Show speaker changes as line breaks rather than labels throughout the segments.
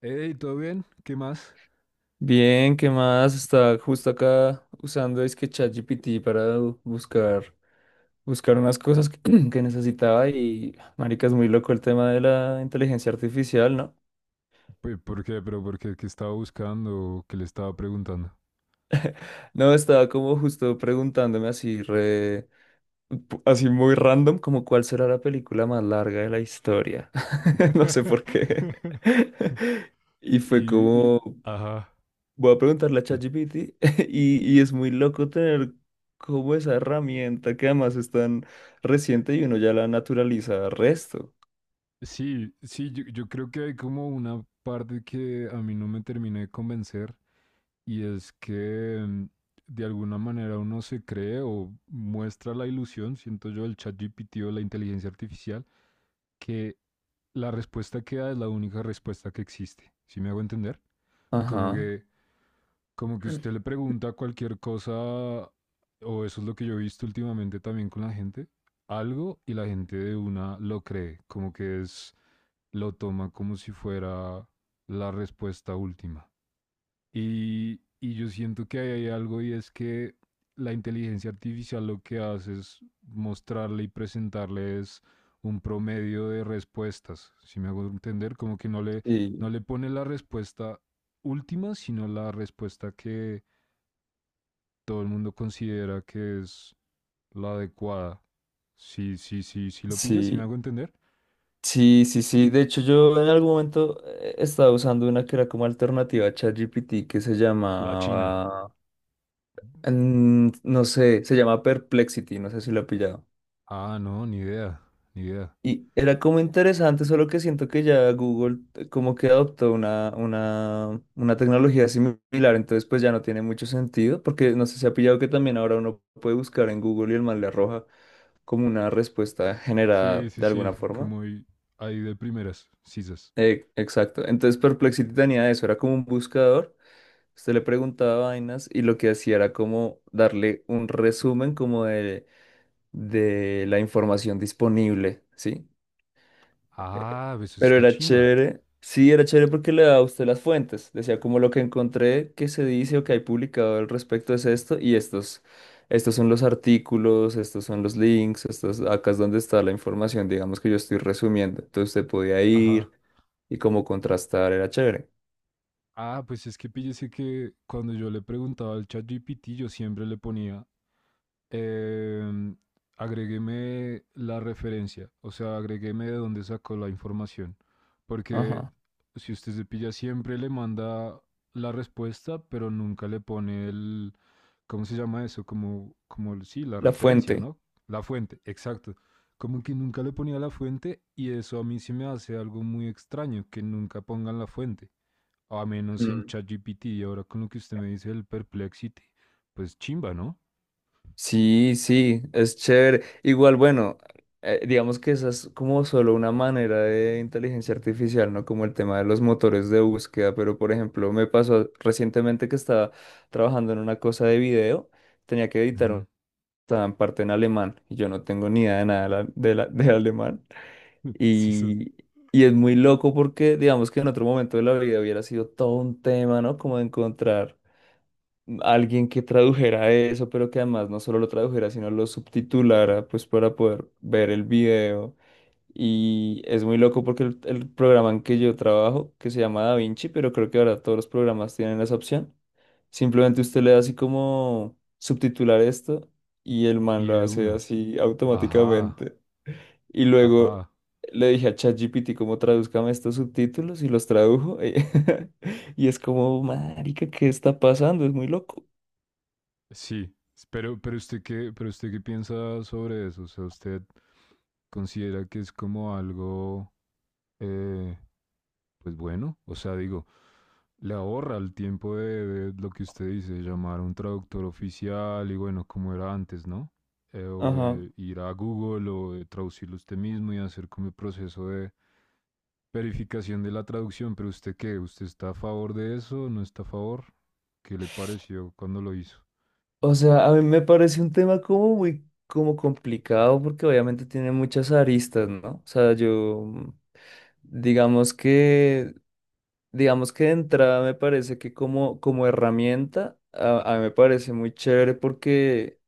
Hey, ¿todo bien? ¿Qué más?
Bien, ¿qué más? Está justo acá usando es que ChatGPT para buscar unas cosas que necesitaba y marica, es muy loco el tema de la inteligencia artificial, ¿no?
¿Por qué? ¿Pero por qué? ¿Qué estaba buscando? ¿Qué le estaba preguntando?
No, estaba como justo preguntándome así muy random, como cuál será la película más larga de la historia. No sé por qué. Y fue
Y, y-
como,
ajá,
voy a preguntarle a
sí.
ChatGPT y es muy loco tener como esa herramienta que además es tan reciente y uno ya la naturaliza resto.
Sí, sí, yo creo que hay como una parte que a mí no me terminé de convencer y es que de alguna manera uno se cree o muestra la ilusión, siento yo, el chat GPT o la inteligencia artificial, que la respuesta que da es la única respuesta que existe. ¿Sí me hago entender? Como
Ajá.
que Como que usted le pregunta cualquier cosa, o eso es lo que yo he visto últimamente también con la gente, algo y la gente de una lo cree, como que es, lo toma como si fuera la respuesta última. Y yo siento que ahí hay algo y es que la inteligencia artificial lo que hace es mostrarle y presentarle es un promedio de respuestas, si me hago entender, como que no le, no
Y
le pone la respuesta última, sino la respuesta que todo el mundo considera que es la adecuada. Sí, sí, sí, sí lo pillas, si me
sí,
hago entender.
sí, sí, sí. De hecho, yo en algún momento estaba usando una que era como alternativa a ChatGPT que se
La China.
llamaba, no sé, se llama Perplexity, no sé si la he pillado.
Ah, no, ni idea, ni idea.
Y era como interesante, solo que siento que ya Google como que adoptó una tecnología similar, entonces pues ya no tiene mucho sentido, porque no sé si ha pillado que también ahora uno puede buscar en Google y el man le arroja como una respuesta
Sí,
generada
sí,
de
sí,
alguna forma.
como ahí ahí de primeras, sisas.
Exacto, entonces Perplexity tenía eso, era como un buscador, usted le preguntaba vainas y lo que hacía era como darle un resumen como de la información disponible, ¿sí? Eh,
Ah, pues
pero
está
era
chimba.
chévere. Sí, era chévere porque le daba a usted las fuentes. Decía como lo que encontré que se dice o que hay publicado al respecto es esto y estos. Estos son los artículos, estos son los links, estos, acá es donde está la información, digamos que yo estoy resumiendo. Entonces usted podía ir
Ajá.
y como contrastar, era chévere.
Ah, pues es que píllese que cuando yo le preguntaba al ChatGPT, yo siempre le ponía Em, agrégueme la referencia, o sea, agrégueme de dónde sacó la información. Porque
Ajá.
si usted se pilla, siempre le manda la respuesta, pero nunca le pone el, ¿cómo se llama eso? Como, como, sí, la
La
referencia,
fuente.
¿no? La fuente, exacto. Como que nunca le ponía la fuente y eso a mí se me hace algo muy extraño, que nunca pongan la fuente. A menos en
Mm.
ChatGPT y ahora con lo que usted me dice del Perplexity, pues chimba, ¿no?
Sí, sí, es chévere. Igual, bueno, digamos que esa es como solo una manera de inteligencia artificial, ¿no? Como el tema de los motores de búsqueda, pero por ejemplo, me pasó recientemente que estaba trabajando en una cosa de video, tenía que editar,
Ujú.
estaba en parte en alemán y yo no tengo ni idea de nada de alemán.
Sí, sí.
Y, y es muy loco porque digamos que en otro momento de la vida hubiera sido todo un tema, ¿no? Como de encontrar alguien que tradujera eso, pero que además no solo lo tradujera, sino lo subtitulara, pues para poder ver el video. Y es muy loco porque el programa en que yo trabajo, que se llama DaVinci, pero creo que ahora todos los programas tienen esa opción. Simplemente usted le da así como subtitular esto y el man
Y
lo
de
hace
una.
así
Ajá,
automáticamente. Y luego
ajá.
le dije a ChatGPT cómo tradúzcame estos subtítulos y los tradujo. Y es como, marica, ¿qué está pasando? Es muy loco.
Sí. Pero usted qué piensa sobre eso? O sea, usted considera que es como algo eh, pues bueno, o sea, digo, le ahorra el tiempo de lo que usted dice, llamar a un traductor oficial y bueno, como era antes, ¿no? O
Ajá.
de ir a Google o de traducirlo usted mismo y hacer como el proceso de verificación de la traducción, pero usted qué, ¿usted está a favor de eso? ¿No está a favor? ¿Qué le pareció cuando lo hizo?
O sea, a mí me parece un tema como muy como complicado porque obviamente tiene muchas aristas, ¿no? O sea, yo digamos que digamos que de entrada me parece que como herramienta a mí me parece muy chévere porque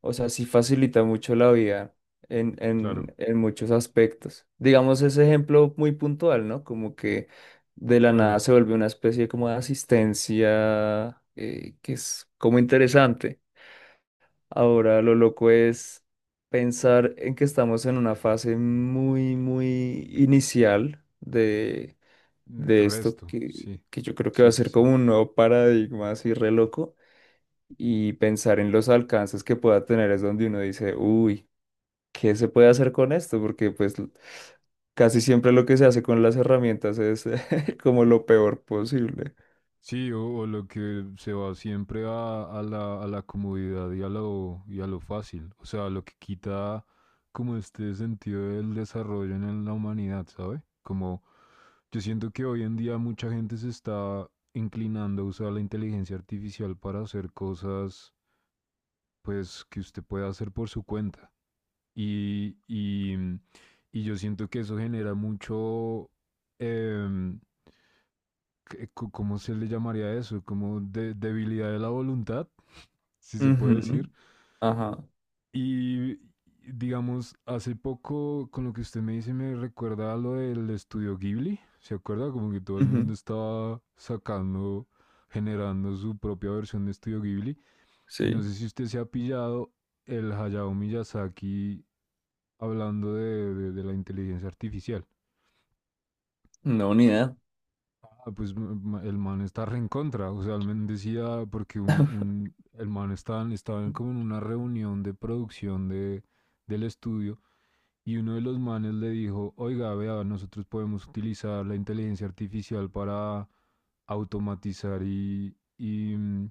o sea, sí facilita mucho la vida en
Claro,
en en muchos aspectos. Digamos ese ejemplo muy puntual, ¿no? Como que de la nada
claro.
se vuelve una especie como de asistencia que es como interesante. Ahora lo loco es pensar en que estamos en una fase muy, muy inicial de esto
Resto,
que,
sí,
que yo creo que va
sí,
a
sí,
ser
sí.
como un nuevo paradigma así re loco y pensar en los alcances que pueda tener es donde uno dice, uy, ¿qué se puede hacer con esto? Porque pues casi siempre lo que se hace con las herramientas es como lo peor posible.
Sí, o lo que se va siempre a la comodidad y a lo fácil. O sea, lo que quita como este sentido del desarrollo en la humanidad, ¿sabe? Como yo siento que hoy en día mucha gente se está inclinando a usar la inteligencia artificial para hacer cosas, pues, que usted puede hacer por su cuenta. Y, y, mm, y yo siento que eso genera mucho, em, ¿cómo se le llamaría eso? Como debilidad de la voluntad, si se puede
Ujú.
decir.
Ajá.
Y digamos, hace poco con lo que usted me dice me recuerda a lo del estudio Ghibli, ¿se acuerda? Como que todo el mundo
Ujú.
estaba sacando, generando su propia versión de estudio Ghibli. Y no
Sí.
sé si usted se ha pillado el Hayao Miyazaki hablando de, de la inteligencia artificial.
No, ni idea.
Ah, pues el man está re en contra. O sea, el man decía, porque el man estaban, estaban como en una reunión de producción de, del estudio y uno de los manes le dijo, oiga, vea, nosotros podemos utilizar la inteligencia artificial para automatizar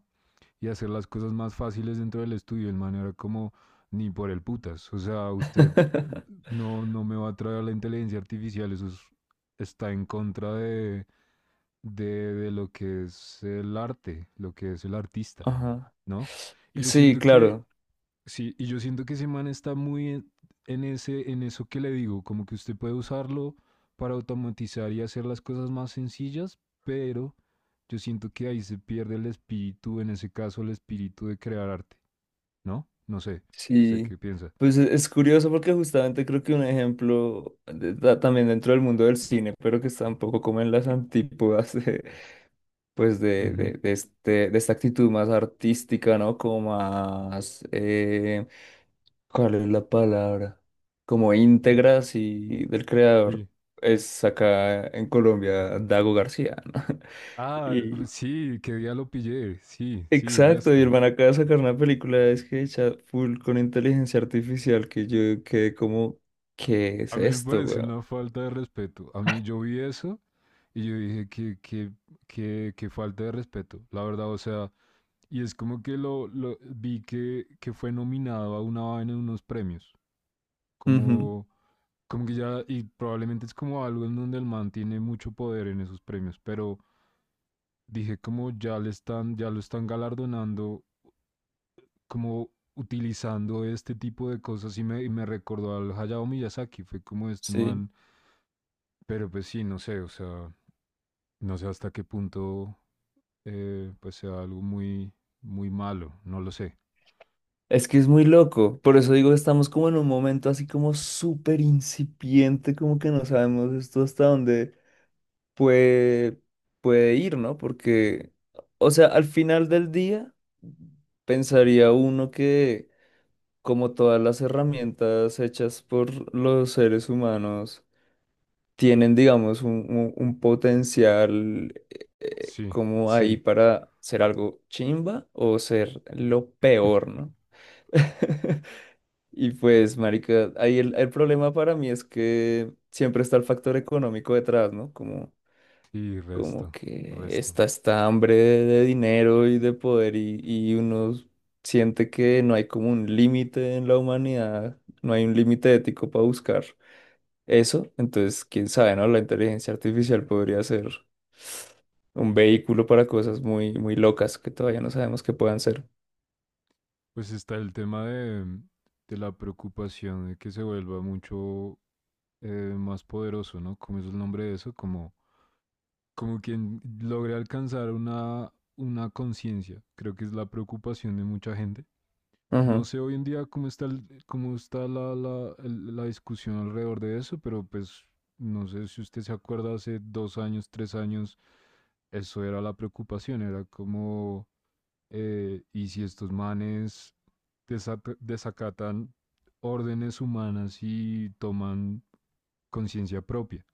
y hacer las cosas más fáciles dentro del estudio. El man era como, ni por el putas. O sea, usted no, no me va a traer la inteligencia artificial. Eso es- está en contra de lo que es el arte, lo que es el artista,
Ajá.
¿no? Y yo
Sí,
siento que
claro,
sí, y yo siento que ese man está muy en ese, en eso que le digo, como que usted puede usarlo para automatizar y hacer las cosas más sencillas, pero yo siento que ahí se pierde el espíritu, en ese caso el espíritu de crear arte, ¿no? No sé, ¿usted
sí.
qué piensa?
Pues es curioso porque justamente creo que un ejemplo también dentro del mundo del cine, pero que está un poco como en las antípodas de, pues de,
Ujú,
de, de este, de esta actitud más artística, ¿no? Como más, ¿cuál es la palabra? Como íntegra, sí, del creador.
sí.
Es acá en Colombia, Dago García, ¿no?
Ah, sí, que día lo pillé, sí, sí,
Exacto, y el
resto.
man acaba de sacar una película es que hecha full con inteligencia artificial que yo quedé como, ¿qué
A
es
mí me
esto,
parece
weón?
una falta de respeto. A mí yo vi eso y yo dije que falta de respeto, la verdad, o sea... Y es como que lo, vi que fue nominado a una vaina en unos premios.
Ujú,
Como, como que ya, y probablemente es como algo en donde el man tiene mucho poder en esos premios. Pero dije como ya le están, ya lo están galardonando, como utilizando este tipo de cosas y me recordó al Hayao Miyazaki. Fue como este
sí.
man. Pero pues sí, no sé, o sea, no sé hasta qué punto pues sea algo muy, muy malo. No lo sé.
Es que es muy loco. Por eso digo, estamos como en un momento así como súper incipiente, como que no sabemos esto hasta dónde puede, puede ir, ¿no? Porque, o sea, al final del día, pensaría uno que como todas las herramientas hechas por los seres humanos, tienen, digamos, un potencial
Sí,
como ahí
sí.
para ser algo chimba o ser lo peor, ¿no? Y pues, marica, ahí el problema para mí es que siempre está el factor económico detrás, ¿no? Como,
Sí,
como
resto,
que
resto.
está esta hambre de dinero y de poder y uno siente que no hay como un límite en la humanidad, no hay un límite ético para buscar eso. Entonces, quién sabe, ¿no? La inteligencia artificial podría ser un vehículo para cosas muy, muy locas que todavía no sabemos que puedan ser.
Pues está el tema de, de la preocupación de que se vuelva mucho más poderoso, ¿no? ¿Cómo es el nombre de eso? Como, como quien logre alcanzar una conciencia. Creo que es la preocupación de mucha gente. No
Ujú.
sé hoy en día cómo está, cómo está la discusión alrededor de eso, pero pues no sé si usted se acuerda hace 2 años, 3 años, eso era la preocupación, era como y si estos manes desacatan órdenes humanas y toman conciencia propia.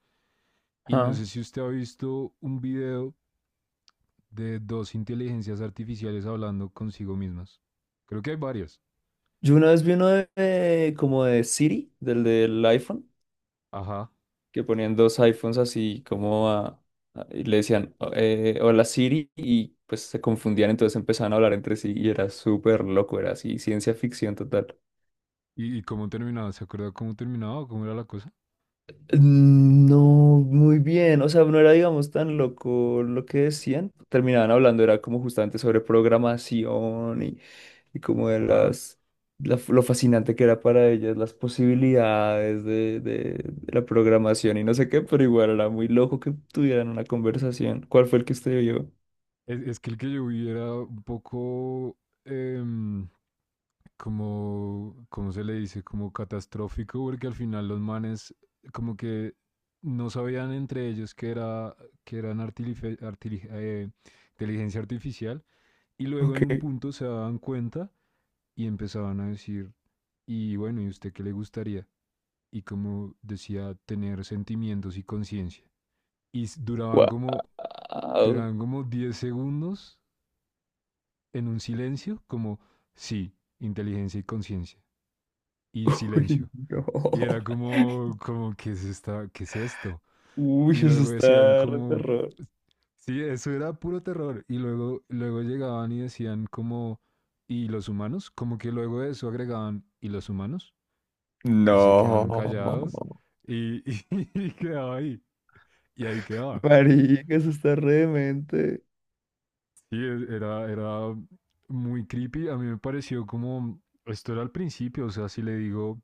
Y no
Ah.
sé si usted ha visto un video de dos inteligencias artificiales hablando consigo mismas. Creo que hay varias.
Yo una vez vi uno como de Siri, del iPhone,
Ajá.
que ponían dos iPhones así como y le decían, hola Siri, y pues se confundían, entonces empezaban a hablar entre sí y era súper loco, era así, ciencia ficción total.
Y cómo terminaba? ¿Se acuerda cómo terminaba o cómo era la cosa?
No, muy bien. O sea, no era, digamos, tan loco lo que decían. Terminaban hablando, era como justamente sobre programación y como de
Ajá.
lo fascinante que era para ellas, las posibilidades de la programación y no sé qué, pero igual era muy loco que tuvieran una conversación. ¿Cuál fue el que usted vio?
Es que el que yo vi era un poco em, como, ¿cómo se le dice? Como catastrófico, porque al final los manes como que no sabían entre ellos que, era, que eran inteligencia artificial y luego
Ok.
en un punto se daban cuenta y empezaban a decir, y bueno, ¿y usted qué le gustaría? Y como decía, tener sentimientos y conciencia. Y s- duraban
Wow.
como, duraban como 10 segundos en un silencio, como sí, inteligencia y conciencia. Y
Uy,
silencio.
no.
Y era como, como, ¿qué es esta, qué es esto?
Uy,
Y
eso
luego decían
está re
como,
terror.
sí, eso era puro terror. Y luego, luego llegaban y decían como, ¿y los humanos? Como que luego de eso agregaban, ¿y los humanos? Y se quedaban callados
No.
y, y quedaba ahí. Y ahí quedaba.
Marica, eso está re demente.
Sí, era, era muy creepy. A mí me pareció como, esto era al principio, o sea, si le digo,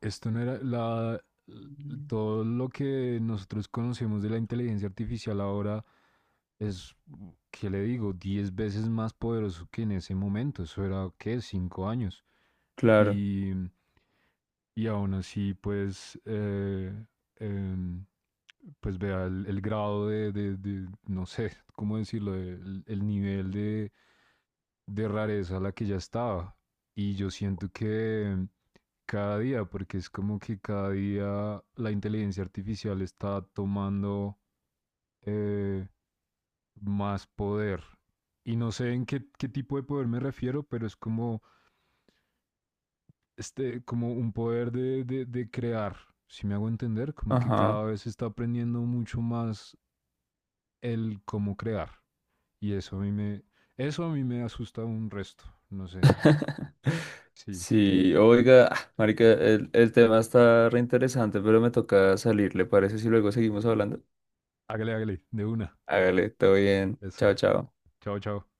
esto no era la,
Mm.
todo lo que nosotros conocemos de la inteligencia artificial ahora es, ¿qué le digo? 10 veces más poderoso que en ese momento. Eso era, ¿qué? 5 años.
Claro,
Y, y aún así, pues, eh, pues vea el grado de, no sé, ¿cómo decirlo? El nivel de rareza a la que ya estaba. Y yo siento que cada día, porque es como que cada día la inteligencia artificial está tomando eh, más poder. Y no sé en qué, qué tipo de poder me refiero, pero es como, este, como un poder de crear, si me hago entender, como que
ajá.
cada vez se está aprendiendo mucho más el cómo crear. Y eso a mí me, eso a mí me asusta un resto, no sé. Sí,
Sí, oiga, ah, marica, el tema está re interesante, pero me toca salir, ¿le parece si luego seguimos hablando?
hágale, hágale, de una.
Hágale, todo bien.
Eso.
Chao, chao.
Chao, chao.